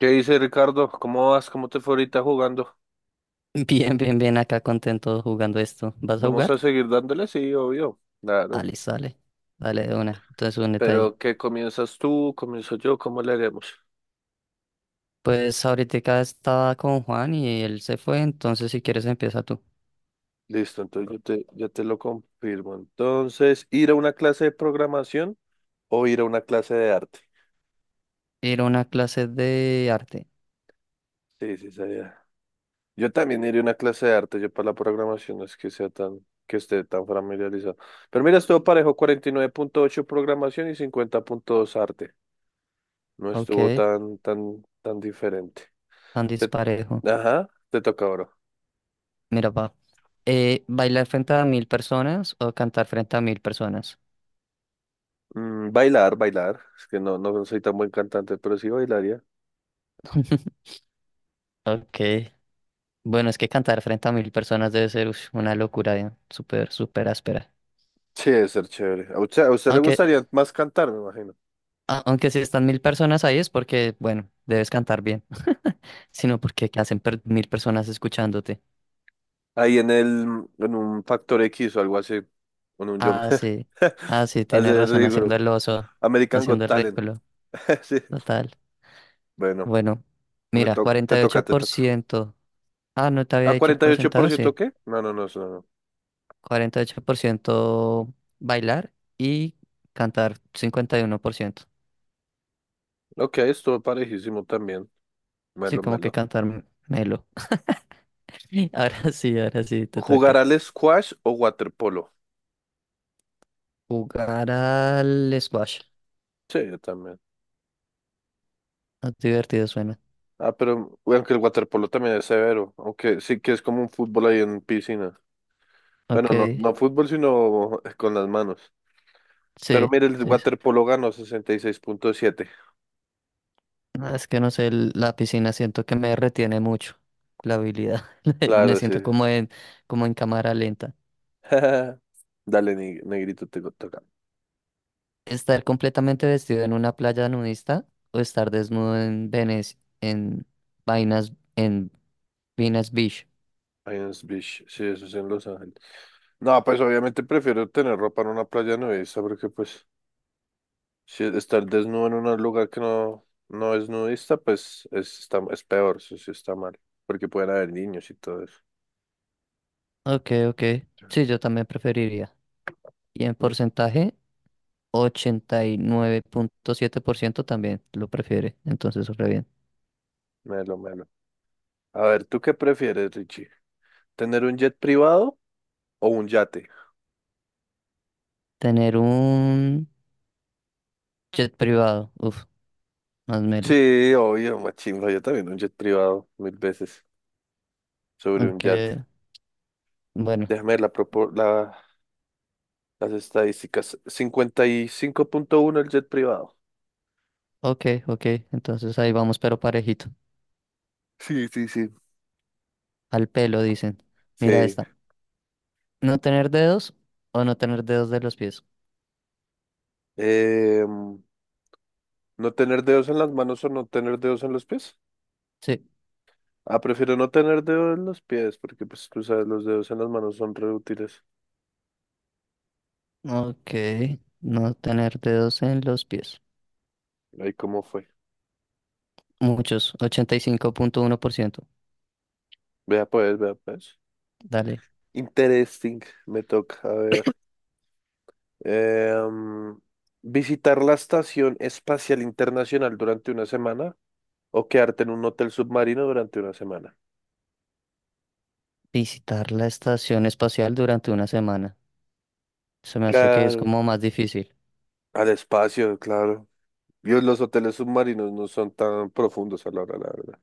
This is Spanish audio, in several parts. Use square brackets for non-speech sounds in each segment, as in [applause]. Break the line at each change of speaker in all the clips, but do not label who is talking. ¿Qué dice Ricardo? ¿Cómo vas? ¿Cómo te fue ahorita jugando?
[laughs] Bien, bien, bien, acá contento jugando esto. ¿Vas a
¿Vamos a
jugar?
seguir dándole? Sí, obvio.
Ah,
Claro.
listo, dale. Dale, de una. Entonces únete ahí.
Pero ¿qué comienzas tú? ¿Comienzo yo? ¿Cómo le haremos?
Pues ahorita estaba con Juan y él se fue, entonces si quieres empieza tú.
Listo, entonces yo te lo confirmo. Entonces, ¿ir a una clase de programación o ir a una clase de arte?
Ir a una clase de arte.
Sí, sí, sabía. Yo también iré a una clase de arte. Yo para la programación no es que sea tan, que esté tan familiarizado. Pero mira, estuvo parejo, 49,8 programación y 50,2 arte. No
Ok,
estuvo tan diferente.
tan
Te-
disparejo.
ajá, te toca oro.
Mira, va. ¿Bailar frente a 1000 personas o cantar frente a 1000 personas?
Bailar, bailar. Es que no soy tan buen cantante, pero sí bailaría.
[laughs] Ok. Bueno, es que cantar frente a 1000 personas debe ser uf, una locura, ya, súper, súper áspera.
Sí, debe ser chévere. A usted le
Ok,
gustaría más cantar, me imagino.
aunque si están 1000 personas ahí es porque, bueno, debes cantar bien, [laughs] sino porque, ¿qué hacen 1000 personas escuchándote?
Ahí en un Factor X o algo así, con un yo.
Ah, sí, ah, sí,
[laughs]
tienes
Hacer
razón,
rigor.
haciendo el oso,
American
haciendo
Got
el
Talent.
ridículo,
[laughs] Sí.
total.
Bueno,
Bueno, mira, cuarenta
te
y
toca,
ocho
te
por
toca.
ciento. Ah, no te había
¿A
dicho el
cuarenta y ocho por
porcentaje,
ciento
sí.
qué? No, no, no, eso
48% bailar y cantar 51%.
no. Ok, estuvo parejísimo también.
Sí,
Melo,
como que
melo.
cantar melo. [laughs] Ahora sí, te
¿Jugar
toca.
al squash o waterpolo?
Jugar al squash.
Sí, yo también.
Ah, divertido suena.
Ah, pero bueno, que el waterpolo también es severo, aunque sí que es como un fútbol ahí en piscina. Bueno,
Ok,
no, no fútbol, sino [laughs] con las manos. Pero
sí,
mire, el
sí, sí.
waterpolo ganó 66,7.
No, es que no sé, la piscina siento que me retiene mucho la habilidad. [laughs] Me
Claro, sí.
siento como en, como en cámara lenta.
[laughs] Dale, negrito, te toca.
Estar completamente vestido en una playa nudista o estar desnudo en Venecia, en vainas, en Venus Beach.
Pines Beach, sí, eso es en Los Ángeles. No, pues obviamente prefiero tener ropa en una playa nudista, porque pues si estar desnudo en un lugar que no es nudista, pues es, está, es peor, eso sí está mal, porque pueden haber niños y todo eso.
Ok, ok.
Sí.
Sí, yo también preferiría. Y en
Mm,
porcentaje, 89.7% también lo prefiere. Entonces, súper bien.
Melo, melo. A ver, ¿tú qué prefieres, Richie? ¿Tener un jet privado o un yate?
Tener un jet privado. Uf, más melo.
Sí, obvio, machimba, yo también un jet privado mil veces sobre un yate.
Aunque, bueno,
Déjame ver las estadísticas. 55,1 el jet privado.
ok, ok, entonces ahí vamos, pero parejito.
Sí, sí, sí.
Al pelo, dicen. Mira
Sí.
esta. ¿No tener dedos o no tener dedos de los pies?
Em, ¿No tener dedos en las manos o no tener dedos en los pies?
Sí,
Ah, prefiero no tener dedos en los pies porque pues tú sabes, los dedos en las manos son re útiles.
ok, no tener dedos en los pies.
Ahí cómo fue.
Muchos, 85.1%.
Vea pues, vea pues.
Dale.
Interesting, me toca, a ver. Em, Visitar la Estación Espacial Internacional durante una semana o quedarte en un hotel submarino durante una semana.
Visitar la estación espacial durante una semana. Se me hace que es
Claro,
como más difícil.
al espacio, claro. Dios, los hoteles submarinos no son tan profundos a la hora, la verdad.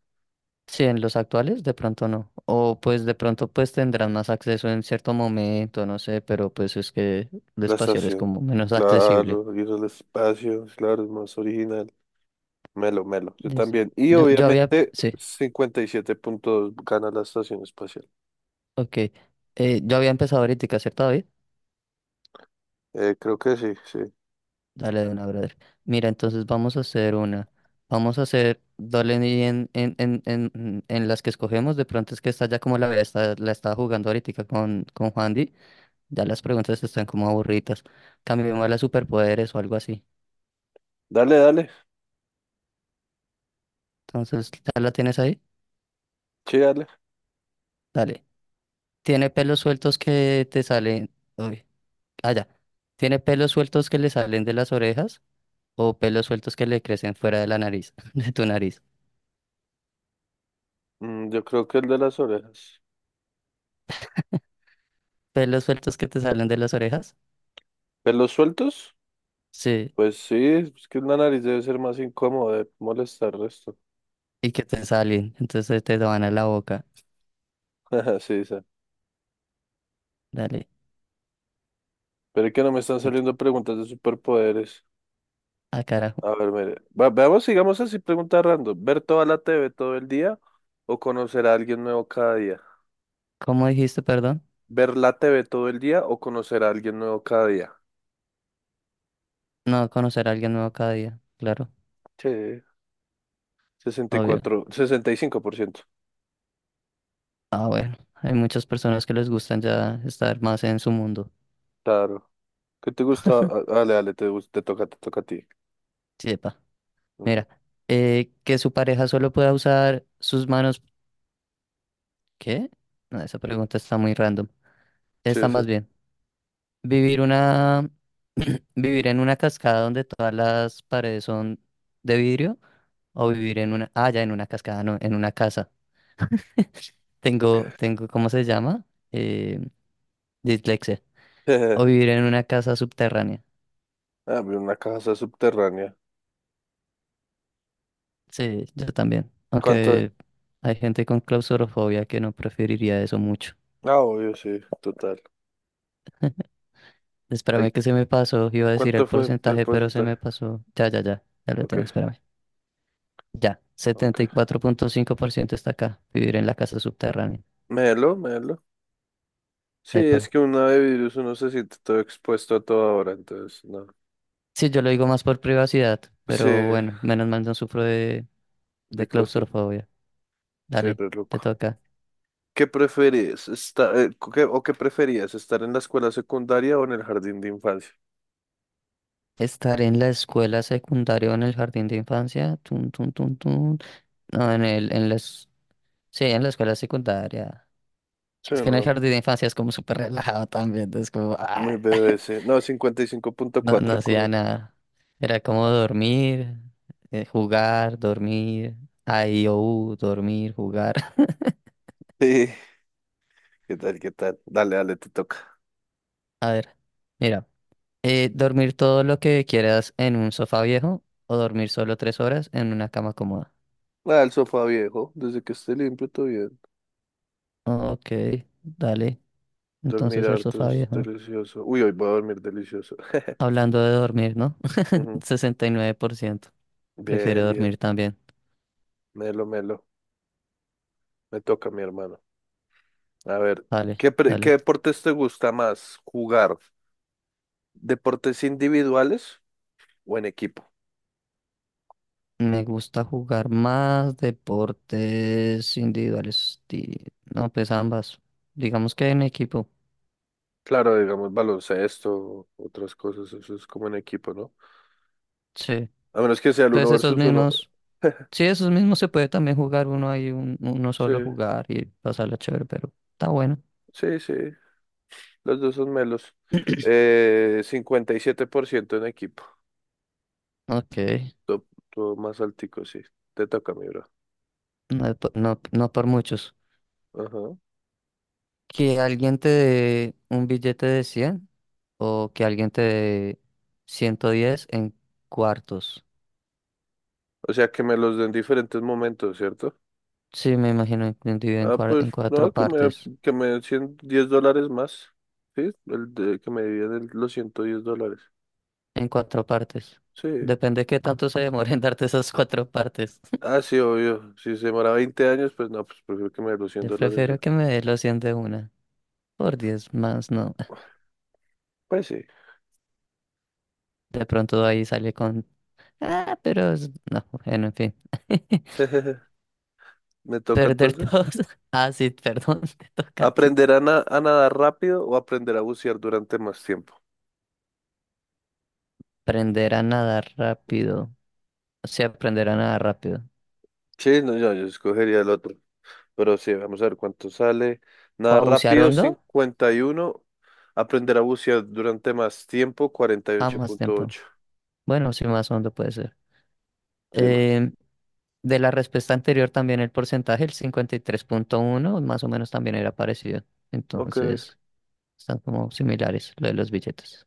Sí, en los actuales de pronto no. O pues de pronto pues tendrán más acceso en cierto momento, no sé, pero pues es que el
La
espacial es
estación,
como menos [laughs] accesible.
claro, ir al espacio, claro, es más original. Melo, melo, yo
Listo.
también. Y
Yo había,
obviamente
sí,
57 puntos gana la estación espacial.
ok. Yo había empezado ahorita, ¿cierto, David?
Creo que sí, sí.
Dale de una, brother. Mira, entonces vamos a hacer una. Vamos a hacer, dale y en las que escogemos, de pronto es que está ya como está, la estaba jugando ahorita con Juandi, ya las preguntas están como aburridas. Cambiemos a las superpoderes o algo así.
Dale, dale,
Entonces, ¿ya la tienes ahí?
sí, dale.
Dale. Tiene pelos sueltos que te salen. Uy, allá. ¿Tiene pelos sueltos que le salen de las orejas o pelos sueltos que le crecen fuera de la nariz, [laughs] de tu nariz?
Yo creo que el de las orejas.
¿Pelos sueltos que te salen de las orejas?
¿Pelos sueltos?
Sí,
Pues sí, es que la nariz debe ser más incómodo de molestar esto.
y que te salen. Entonces te van a la boca.
[laughs] Sí, sí.
Dale.
Pero es que no me están
Et-
saliendo preguntas de superpoderes.
Ah, carajo.
A ver, mire. Veamos, sigamos así, pregunta random. ¿Ver toda la T V todo el día o conocer a alguien nuevo cada día?
¿Cómo dijiste, perdón?
¿Ver la T V todo el día o conocer a alguien nuevo cada día?
No, conocer a alguien nuevo cada día. Claro,
Sí, sesenta y
obvio.
cuatro, 65%.
Ah, bueno. Hay muchas personas que les gustan ya estar más en su mundo.
Claro. ¿Qué te gusta? Ah, dale, dale, te toca a ti.
Sí,
Ujú.
mira, que su pareja solo pueda usar sus manos. ¿Qué? No, esa pregunta está muy random.
Sí,
Está más
sí.
bien. Vivir una. [clears throat] Vivir en una cascada donde todas las paredes son de vidrio. O vivir en una. Ah, ya, en una cascada, no, en una casa. Tengo,
Ok.
tengo, ¿cómo se llama? Eh, dislexia. O
[laughs]
vivir en una casa subterránea.
Ah, vi una casa subterránea.
Sí, yo también.
¿Cuánto
Aunque hay gente con claustrofobia que no preferiría eso mucho.
Ah, obvio, sí, total. Ay,
Espérame que se me pasó. Iba a decir el
¿cuánto fue el
porcentaje, pero se
porcentaje?
me pasó. Ya, ya, ya. Ya lo tengo,
Ok,
espérame. Ya. Setenta y
ok.
cuatro punto cinco por ciento está acá. Vivir en la casa subterránea.
Melo, melo. Sí, es
Epa.
que una de virus uno se siente todo expuesto a toda hora, entonces, no.
Sí, yo lo digo más por privacidad,
Sí,
pero bueno, menos mal no sufro de
de claustrofobia.
claustrofobia.
Sí,
Dale,
re
te
loco.
toca.
¿Qué preferís? ¿O qué preferías? ¿Estar en la escuela secundaria o en el jardín de infancia?
Estar en la escuela secundaria o en el jardín de infancia. Tun, tun, tun, tun. No, en las. Sí, en la escuela secundaria.
Sí,
Es que en el
no.
jardín de infancia es como súper relajado también. Es como,
Muy
ah,
bebé, sí. No, cincuenta y cinco punto
no, no
cuatro
hacía
correcto.
nada. Era como dormir, jugar, dormir, IOU, dormir, jugar. [laughs]
Sí, ¿qué tal, qué tal? Dale, dale, te toca.
A ver, mira, dormir todo lo que quieras en un sofá viejo o dormir solo 3 horas en una cama cómoda.
Ah, el sofá viejo, desde que esté limpio todo.
Ok, dale.
Dormir
Entonces el
harto
sofá
es
viejo.
delicioso. Uy, hoy voy a dormir delicioso.
Hablando de dormir, ¿no?
[laughs] Ujú.
[laughs] 69% prefiere
Bien, bien.
dormir también.
Melo, melo. Me toca, mi hermano. A ver,
Dale,
¿qué
dale.
deportes te gusta más jugar? ¿Deportes individuales o en equipo?
Me gusta jugar más deportes individuales. No, pues ambas. Digamos que en equipo.
Claro, digamos baloncesto, otras cosas, eso es como en equipo, ¿no?
Sí.
A menos que sea el
Pues
uno
esos
versus uno.
mismos.
[laughs]
Sí, esos mismos se puede también jugar uno ahí, uno
Sí,
solo jugar y pasarla chévere, pero está bueno.
sí, sí. Los dos son melos. 57% en equipo.
Ok.
Todo, todo más altico, sí. Te toca, mi bro.
No, es no, no por muchos.
Ajá.
Que alguien te dé un billete de 100 o que alguien te dé 110 en cuartos.
O sea, que me los den diferentes momentos, ¿cierto?
Sí, me imagino dividido
Ah, pues
en
no,
cuatro
que me,
partes.
que me den 100 10 dólares más. Sí, que me dividan los $110.
En cuatro partes.
Sí.
Depende qué tanto se demore en darte esas cuatro partes.
Ah, sí, obvio. Si se demora 20 años, pues no, pues prefiero que me den los
[laughs]
100
Yo
dólares ya.
prefiero que me dé los 100 de una. Por 10 más, no.
Pues sí.
De pronto ahí sale con. Ah, pero no, bueno, en fin. [laughs]
[laughs] Me toca
Perder
entonces.
todos. [laughs] Ah, sí, perdón, [laughs] te toca a ti.
¿Aprender a nadar rápido o aprender a bucear durante más tiempo?
Aprender a nadar rápido. O sea, aprender a nadar rápido.
Sí, no, yo escogería el otro. Pero sí, vamos a ver cuánto sale.
¿O
Nada
a bucear
rápido,
hondo?
51. Aprender a bucear durante más tiempo, cuarenta y
Ah,
ocho
más
punto
tiempo.
ocho
Bueno, sí, más hondo puede ser.
Sí, más.
Em, De la respuesta anterior también el porcentaje, el 53.1 más o menos también era parecido.
Ok.
Entonces, están como similares lo de los billetes.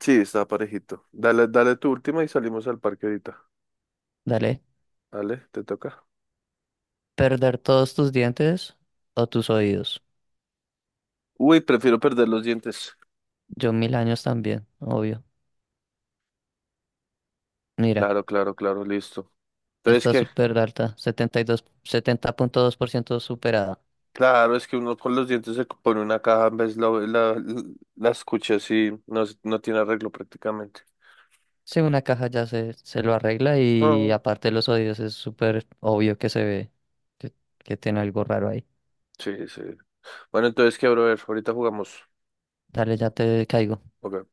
Sí, está parejito. Dale, dale tu última y salimos al parque ahorita.
Dale.
Dale, te toca.
Perder todos tus dientes o tus oídos.
Uy, prefiero perder los dientes.
Yo 1000 años también, obvio. Mira,
Claro, claro, claro, listo. Entonces,
está
¿qué?
súper alta, setenta y dos punto dos por ciento superada.
Claro, es que uno con los dientes se pone una caja, en vez la escucha así, no tiene arreglo prácticamente.
Sí, una caja ya se lo arregla y
Ah.
aparte los oídos es súper obvio que se ve que, que tiene algo raro ahí.
Sí, sí. Bueno, entonces, ¿qué, brother? Ahorita jugamos.
Dale, ya te caigo.
Ok.